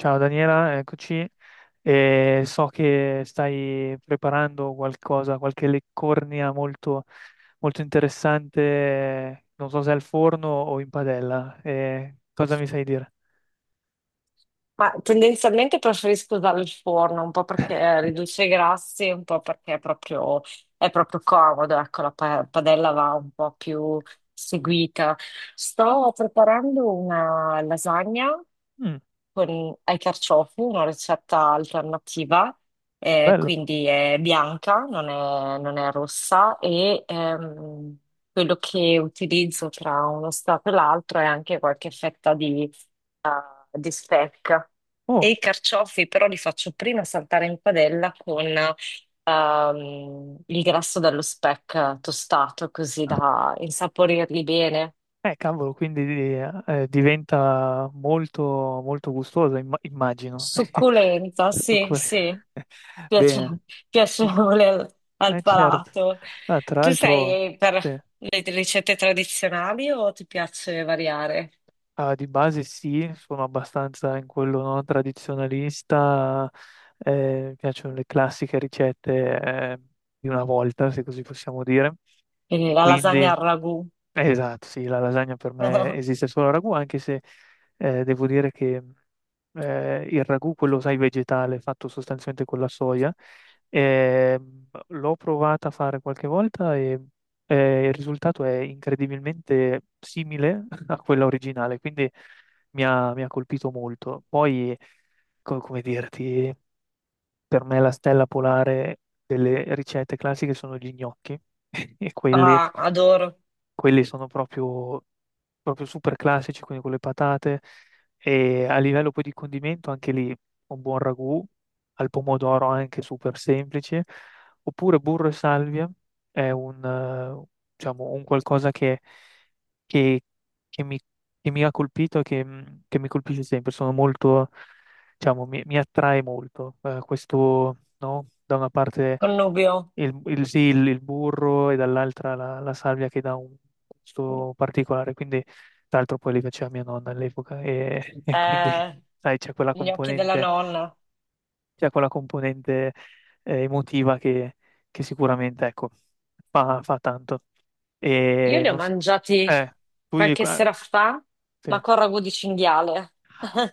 Ciao Daniela, eccoci. E so che stai preparando qualcosa, qualche leccornia molto interessante, non so se al forno o in padella. Cosa mi sai dire? Ma tendenzialmente preferisco usare il forno, un po' perché riduce i grassi, un po' perché è proprio comodo, ecco, la padella va un po' più seguita. Sto preparando una lasagna Mm, con, ai carciofi, una ricetta alternativa, bello. quindi è bianca, non è rossa e quello che utilizzo tra uno stato e l'altro è anche qualche fetta eh, di speck. E Oh, i carciofi però li faccio prima saltare in padella con il grasso dello speck tostato, così da insaporirli bene. Cavolo, quindi diventa molto gustoso, immagino. Succulenta, Sto sì, cu- sì. Piace- Bene. Piacevole al, Eh al certo. palato. Ah, tra Tu l'altro sei per sì, le ricette tradizionali o ti piace variare? ah, di base sì, sono abbastanza in quello no, tradizionalista, mi piacciono le classiche ricette eh, di una volta, se così possiamo dire, Quindi e la lasagna quindi al ragù. esatto, sì, la lasagna per me esiste solo a ragù, anche se devo dire che il ragù, quello sai vegetale, fatto sostanzialmente con la soia, eh, l'ho provata a fare qualche volta e il risultato è incredibilmente simile a quella originale, quindi mi ha colpito molto. Poi, come dirti, per me la stella polare delle ricette classiche sono gli gnocchi e quelli. Ah, adoro. Quelli sono proprio super classici, quindi con le patate. E a livello poi di condimento, anche lì un buon ragù, al pomodoro anche super semplice. Oppure burro e salvia è un, diciamo, un qualcosa che- che mi, che mi ha colpito e che, che mi colpisce sempre. Sono molto, diciamo, mi attrae molto. Questo, no? Da una parte Connubio. sì, il burro e dall'altra la salvia che dà un gusto particolare. Quindi, tra l'altro, poi li faceva mia nonna all'epoca e, e quindi, Eh, sai, c'è quella gli occhi della componente, nonna. c'è quella componente emotiva che sicuramente, ecco, fa tanto. Io E li ho non so, mangiati eh, tu gli- qualche sera eh, fa, ma sì. con ragù di cinghiale.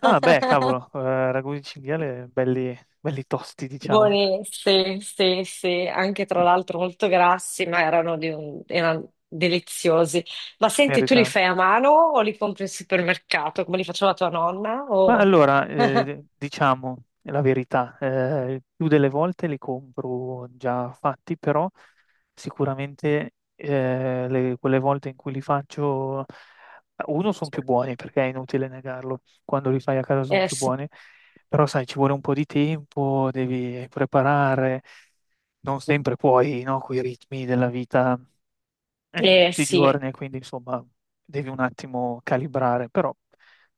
Ah, beh, cavolo, ragù di cinghiale belli, belli tosti, diciamo. Buoni, sì, sì, sì, anche tra l'altro molto grassi, ma erano, erano deliziosi. Ma senti, tu li Merita. fai a mano o li compri al supermercato, come li faceva tua nonna? Ma O... allora, diciamo la verità, più delle volte li compro già fatti, però sicuramente quelle volte in cui li faccio, uno, sono più buoni, perché è inutile negarlo, quando li fai a casa sono Eh più sì, buoni, però sai, ci vuole un po' di tempo, devi preparare, non sempre puoi, no, coi ritmi della vita di tutti i sì. giorni, e quindi insomma devi un attimo calibrare, però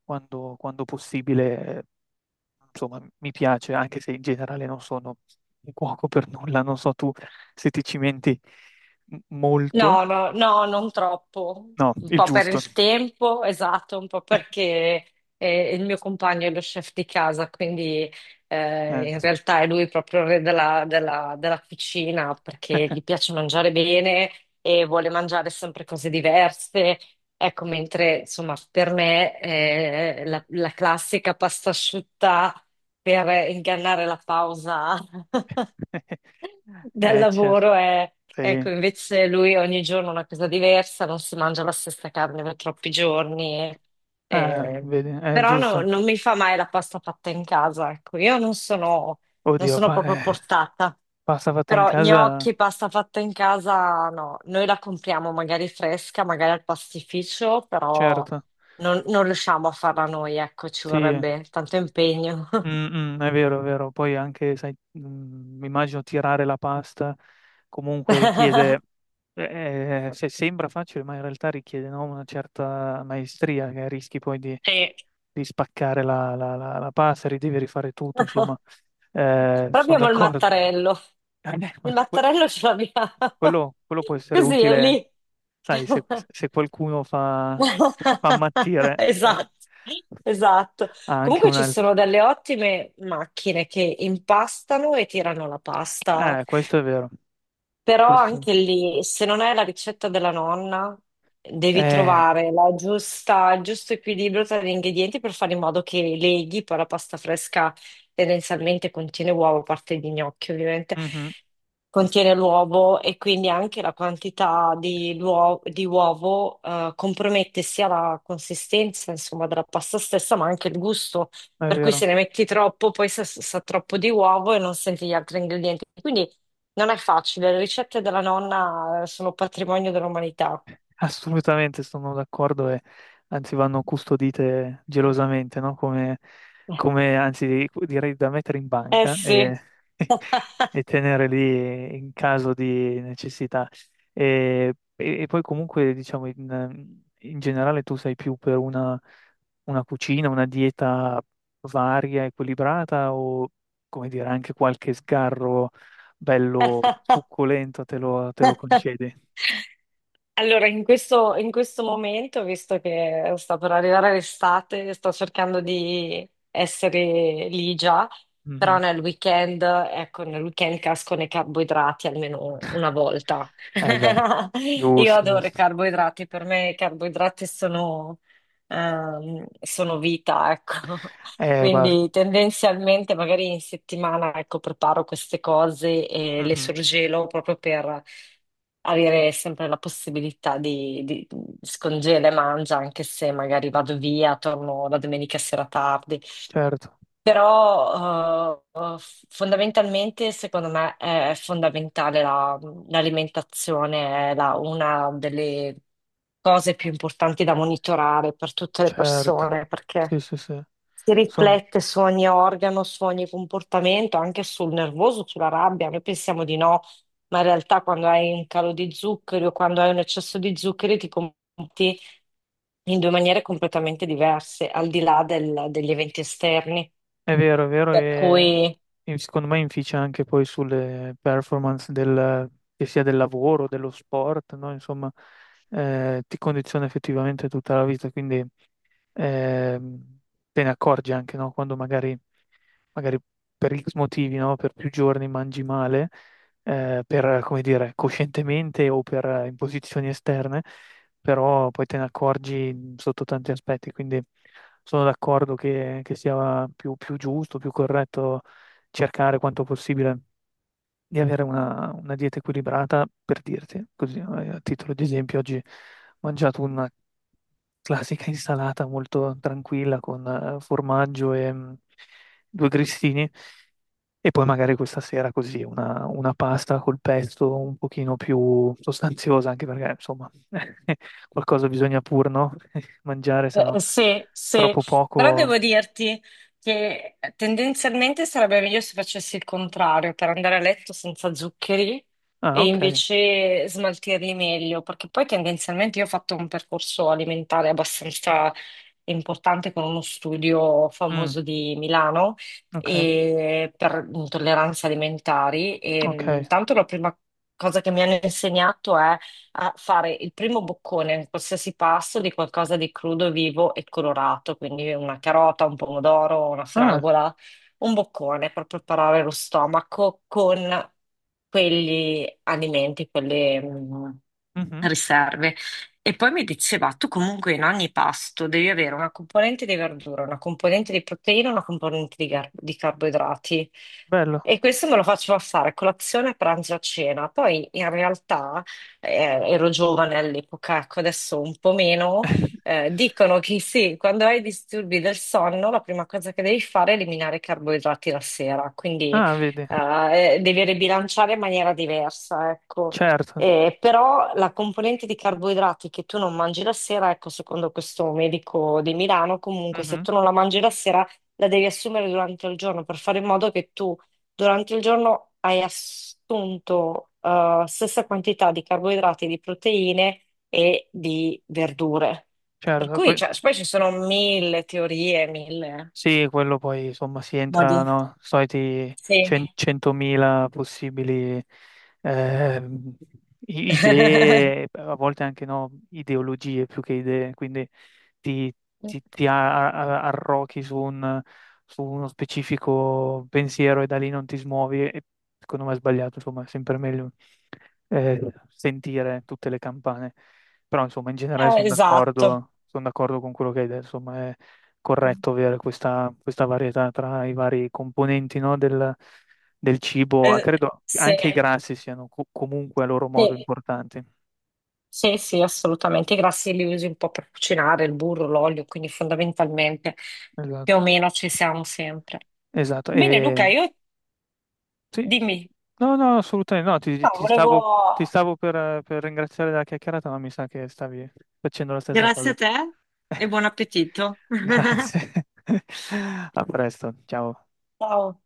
quando possibile, insomma, mi piace, anche se in generale non sono un cuoco per nulla, non so tu se ti cimenti molto. No, no, no, non troppo. No, Un il po' per giusto. il tempo, esatto, un po' Eh, perché il mio compagno è lo chef di casa, quindi eh. In realtà è lui proprio il re della, della cucina perché gli piace mangiare bene e vuole mangiare sempre cose diverse. Ecco, mentre insomma per me la, la classica pasta asciutta per ingannare la pausa del certo, lavoro è, ecco, sì. invece lui ogni giorno una cosa diversa, non si mangia la stessa carne per troppi giorni. Ah, e- vedi, è Però giusto. non mi fa mai la pasta fatta in casa, ecco, io non sono, non Oddio, sono proprio portata. pasta fatta in Però casa, gnocchi, pasta fatta in casa, no, noi la compriamo magari fresca, magari al pastificio, però certo. non, non riusciamo a farla noi, ecco, ci Sì, vorrebbe tanto impegno. mm, mm, è vero, è vero. Poi anche, sai, mm, mi immagino tirare la pasta comunque richiede, se sembra facile, ma in realtà richiede, no, una certa maestria che rischi poi Sì. di spaccare la pasta, devi rifare tutto, insomma. Però Sono abbiamo il d'accordo. mattarello. Eh, Il ma que- mattarello ce l'abbiamo. quello può essere Così è utile, lì. sai, se, se qualcuno fa ammattire, Esatto, esatto. ha anche Comunque ci un'altra. sono delle ottime macchine che impastano e tirano la pasta, Questo è vero. però Questo. anche lì, se non hai la ricetta della nonna, devi Eh, trovare la giusta, il giusto equilibrio tra gli ingredienti per fare in modo che leghi. Poi la pasta fresca tendenzialmente contiene uovo, a parte di gnocchi ovviamente, mhm, contiene l'uovo e quindi anche la quantità di, di uovo compromette sia la consistenza, insomma, della pasta stessa, ma anche il gusto. è Per cui se vero. ne metti troppo, poi sa, sa troppo di uovo e non senti gli altri ingredienti. Quindi non è facile, le ricette della nonna sono patrimonio dell'umanità. Assolutamente sono d'accordo e anzi vanno custodite gelosamente, no? Anzi direi da mettere in Eh banca sì. e, e tenere lì in caso di necessità. E poi comunque diciamo in generale tu sei più per una cucina, una dieta varia, equilibrata o come dire anche qualche sgarro bello succulento te lo concedi? Allora, in questo momento, visto che sta per arrivare l'estate, sto cercando di essere lì già, però nel weekend, ecco, nel weekend casco nei carboidrati almeno una volta. Eh beh, Io giusto, adoro i giusto. carboidrati, per me i carboidrati sono, sono vita, ecco. Guarda, Quindi tendenzialmente magari in settimana, ecco, preparo queste cose e le mhm, sorgelo proprio, avere sempre la possibilità di scongela e mangia, anche se magari vado via, torno la domenica sera tardi. certo, Però fondamentalmente, secondo me, è fondamentale l'alimentazione, è una delle cose più importanti da monitorare per tutte le certo. persone, Sì, perché sì, sì. si Sono riflette su ogni organo, su ogni comportamento, anche sul nervoso, sulla rabbia. Noi pensiamo di no, ma in realtà quando hai un calo di zuccheri o quando hai un eccesso di zuccheri ti comporti in due maniere completamente diverse, al di là degli eventi esterni. è vero, è vero Per cui. e secondo me inficia anche poi sulle performance del, che sia del lavoro, dello sport, no? Insomma, ti condiziona effettivamente tutta la vita, quindi ehm, te ne accorgi anche, no? Quando magari, magari per X motivi, no? Per più giorni mangi male, come dire, coscientemente o per imposizioni esterne, però poi te ne accorgi sotto tanti aspetti, quindi sono d'accordo che sia più giusto, più corretto cercare quanto possibile di avere una dieta equilibrata, per dirti, così, a titolo di esempio, oggi ho mangiato una classica insalata molto tranquilla con formaggio e mm, due grissini e poi magari questa sera così una pasta col pesto un pochino più sostanziosa, anche perché insomma qualcosa bisogna pur, no? Mangiare, se no Sì, sì, troppo però devo poco. dirti che tendenzialmente sarebbe meglio se facessi il contrario, per andare a letto senza zuccheri Ah, e ok. invece smaltirli meglio, perché poi tendenzialmente io ho fatto un percorso alimentare abbastanza importante con uno studio Mm, famoso di Milano ok, e per intolleranze alimentari e ok. tanto la prima cosa che mi hanno insegnato è a fare il primo boccone in qualsiasi pasto di qualcosa di crudo, vivo e colorato, quindi una carota, un pomodoro, una Ah, fragola, un boccone per preparare lo stomaco con quegli alimenti, quelle, mhm, riserve. E poi mi diceva, tu comunque in ogni pasto devi avere una componente di verdura, una componente di proteina, una componente di, di carboidrati. bello. E questo me lo faceva fare a colazione, a pranzo, e a cena. Poi in realtà ero giovane all'epoca, ecco, adesso un po' meno. Dicono che sì, quando hai disturbi del sonno, la prima cosa che devi fare è eliminare i carboidrati la sera. Quindi Ah, vedi, devi ribilanciare in maniera diversa, ecco. certo. Però la componente di carboidrati che tu non mangi la sera, ecco, secondo questo medico di Milano, comunque se Mhm, tu non la mangi la sera, la devi assumere durante il giorno per fare in modo che tu durante il giorno hai assunto stessa quantità di carboidrati, di proteine e di verdure. Per certo. cui, Poi, cioè, poi ci sono mille teorie, mille sì, quello poi, insomma, si entra, modi. no? Soliti Sì. 100.000 possibili ehm, idee, a volte anche, no, ideologie più che idee, quindi ti, ti arrochi su un, su uno specifico pensiero e da lì non ti smuovi e secondo me è sbagliato, insomma, è sempre meglio eh, sentire tutte le campane. Però, insomma, in generale esatto. Sono d'accordo con quello che hai detto, insomma, è corretto avere questa, questa varietà tra i vari componenti, no, del, del cibo. Ah, Eh, credo sì. anche i grassi siano comunque a loro modo Sì. importanti. Sì, sì, assolutamente. I grassi li usi un po' per cucinare, il burro, l'olio, quindi fondamentalmente più o Esatto, meno ci siamo sempre. esatto. Bene, Luca, E, io sì, dimmi. no, no, assolutamente no, No, ti volevo... stavo per ringraziare della chiacchierata, ma mi sa che stavi facendo la stessa Grazie cosa. a te e buon appetito. Grazie. A presto, ciao. Ciao.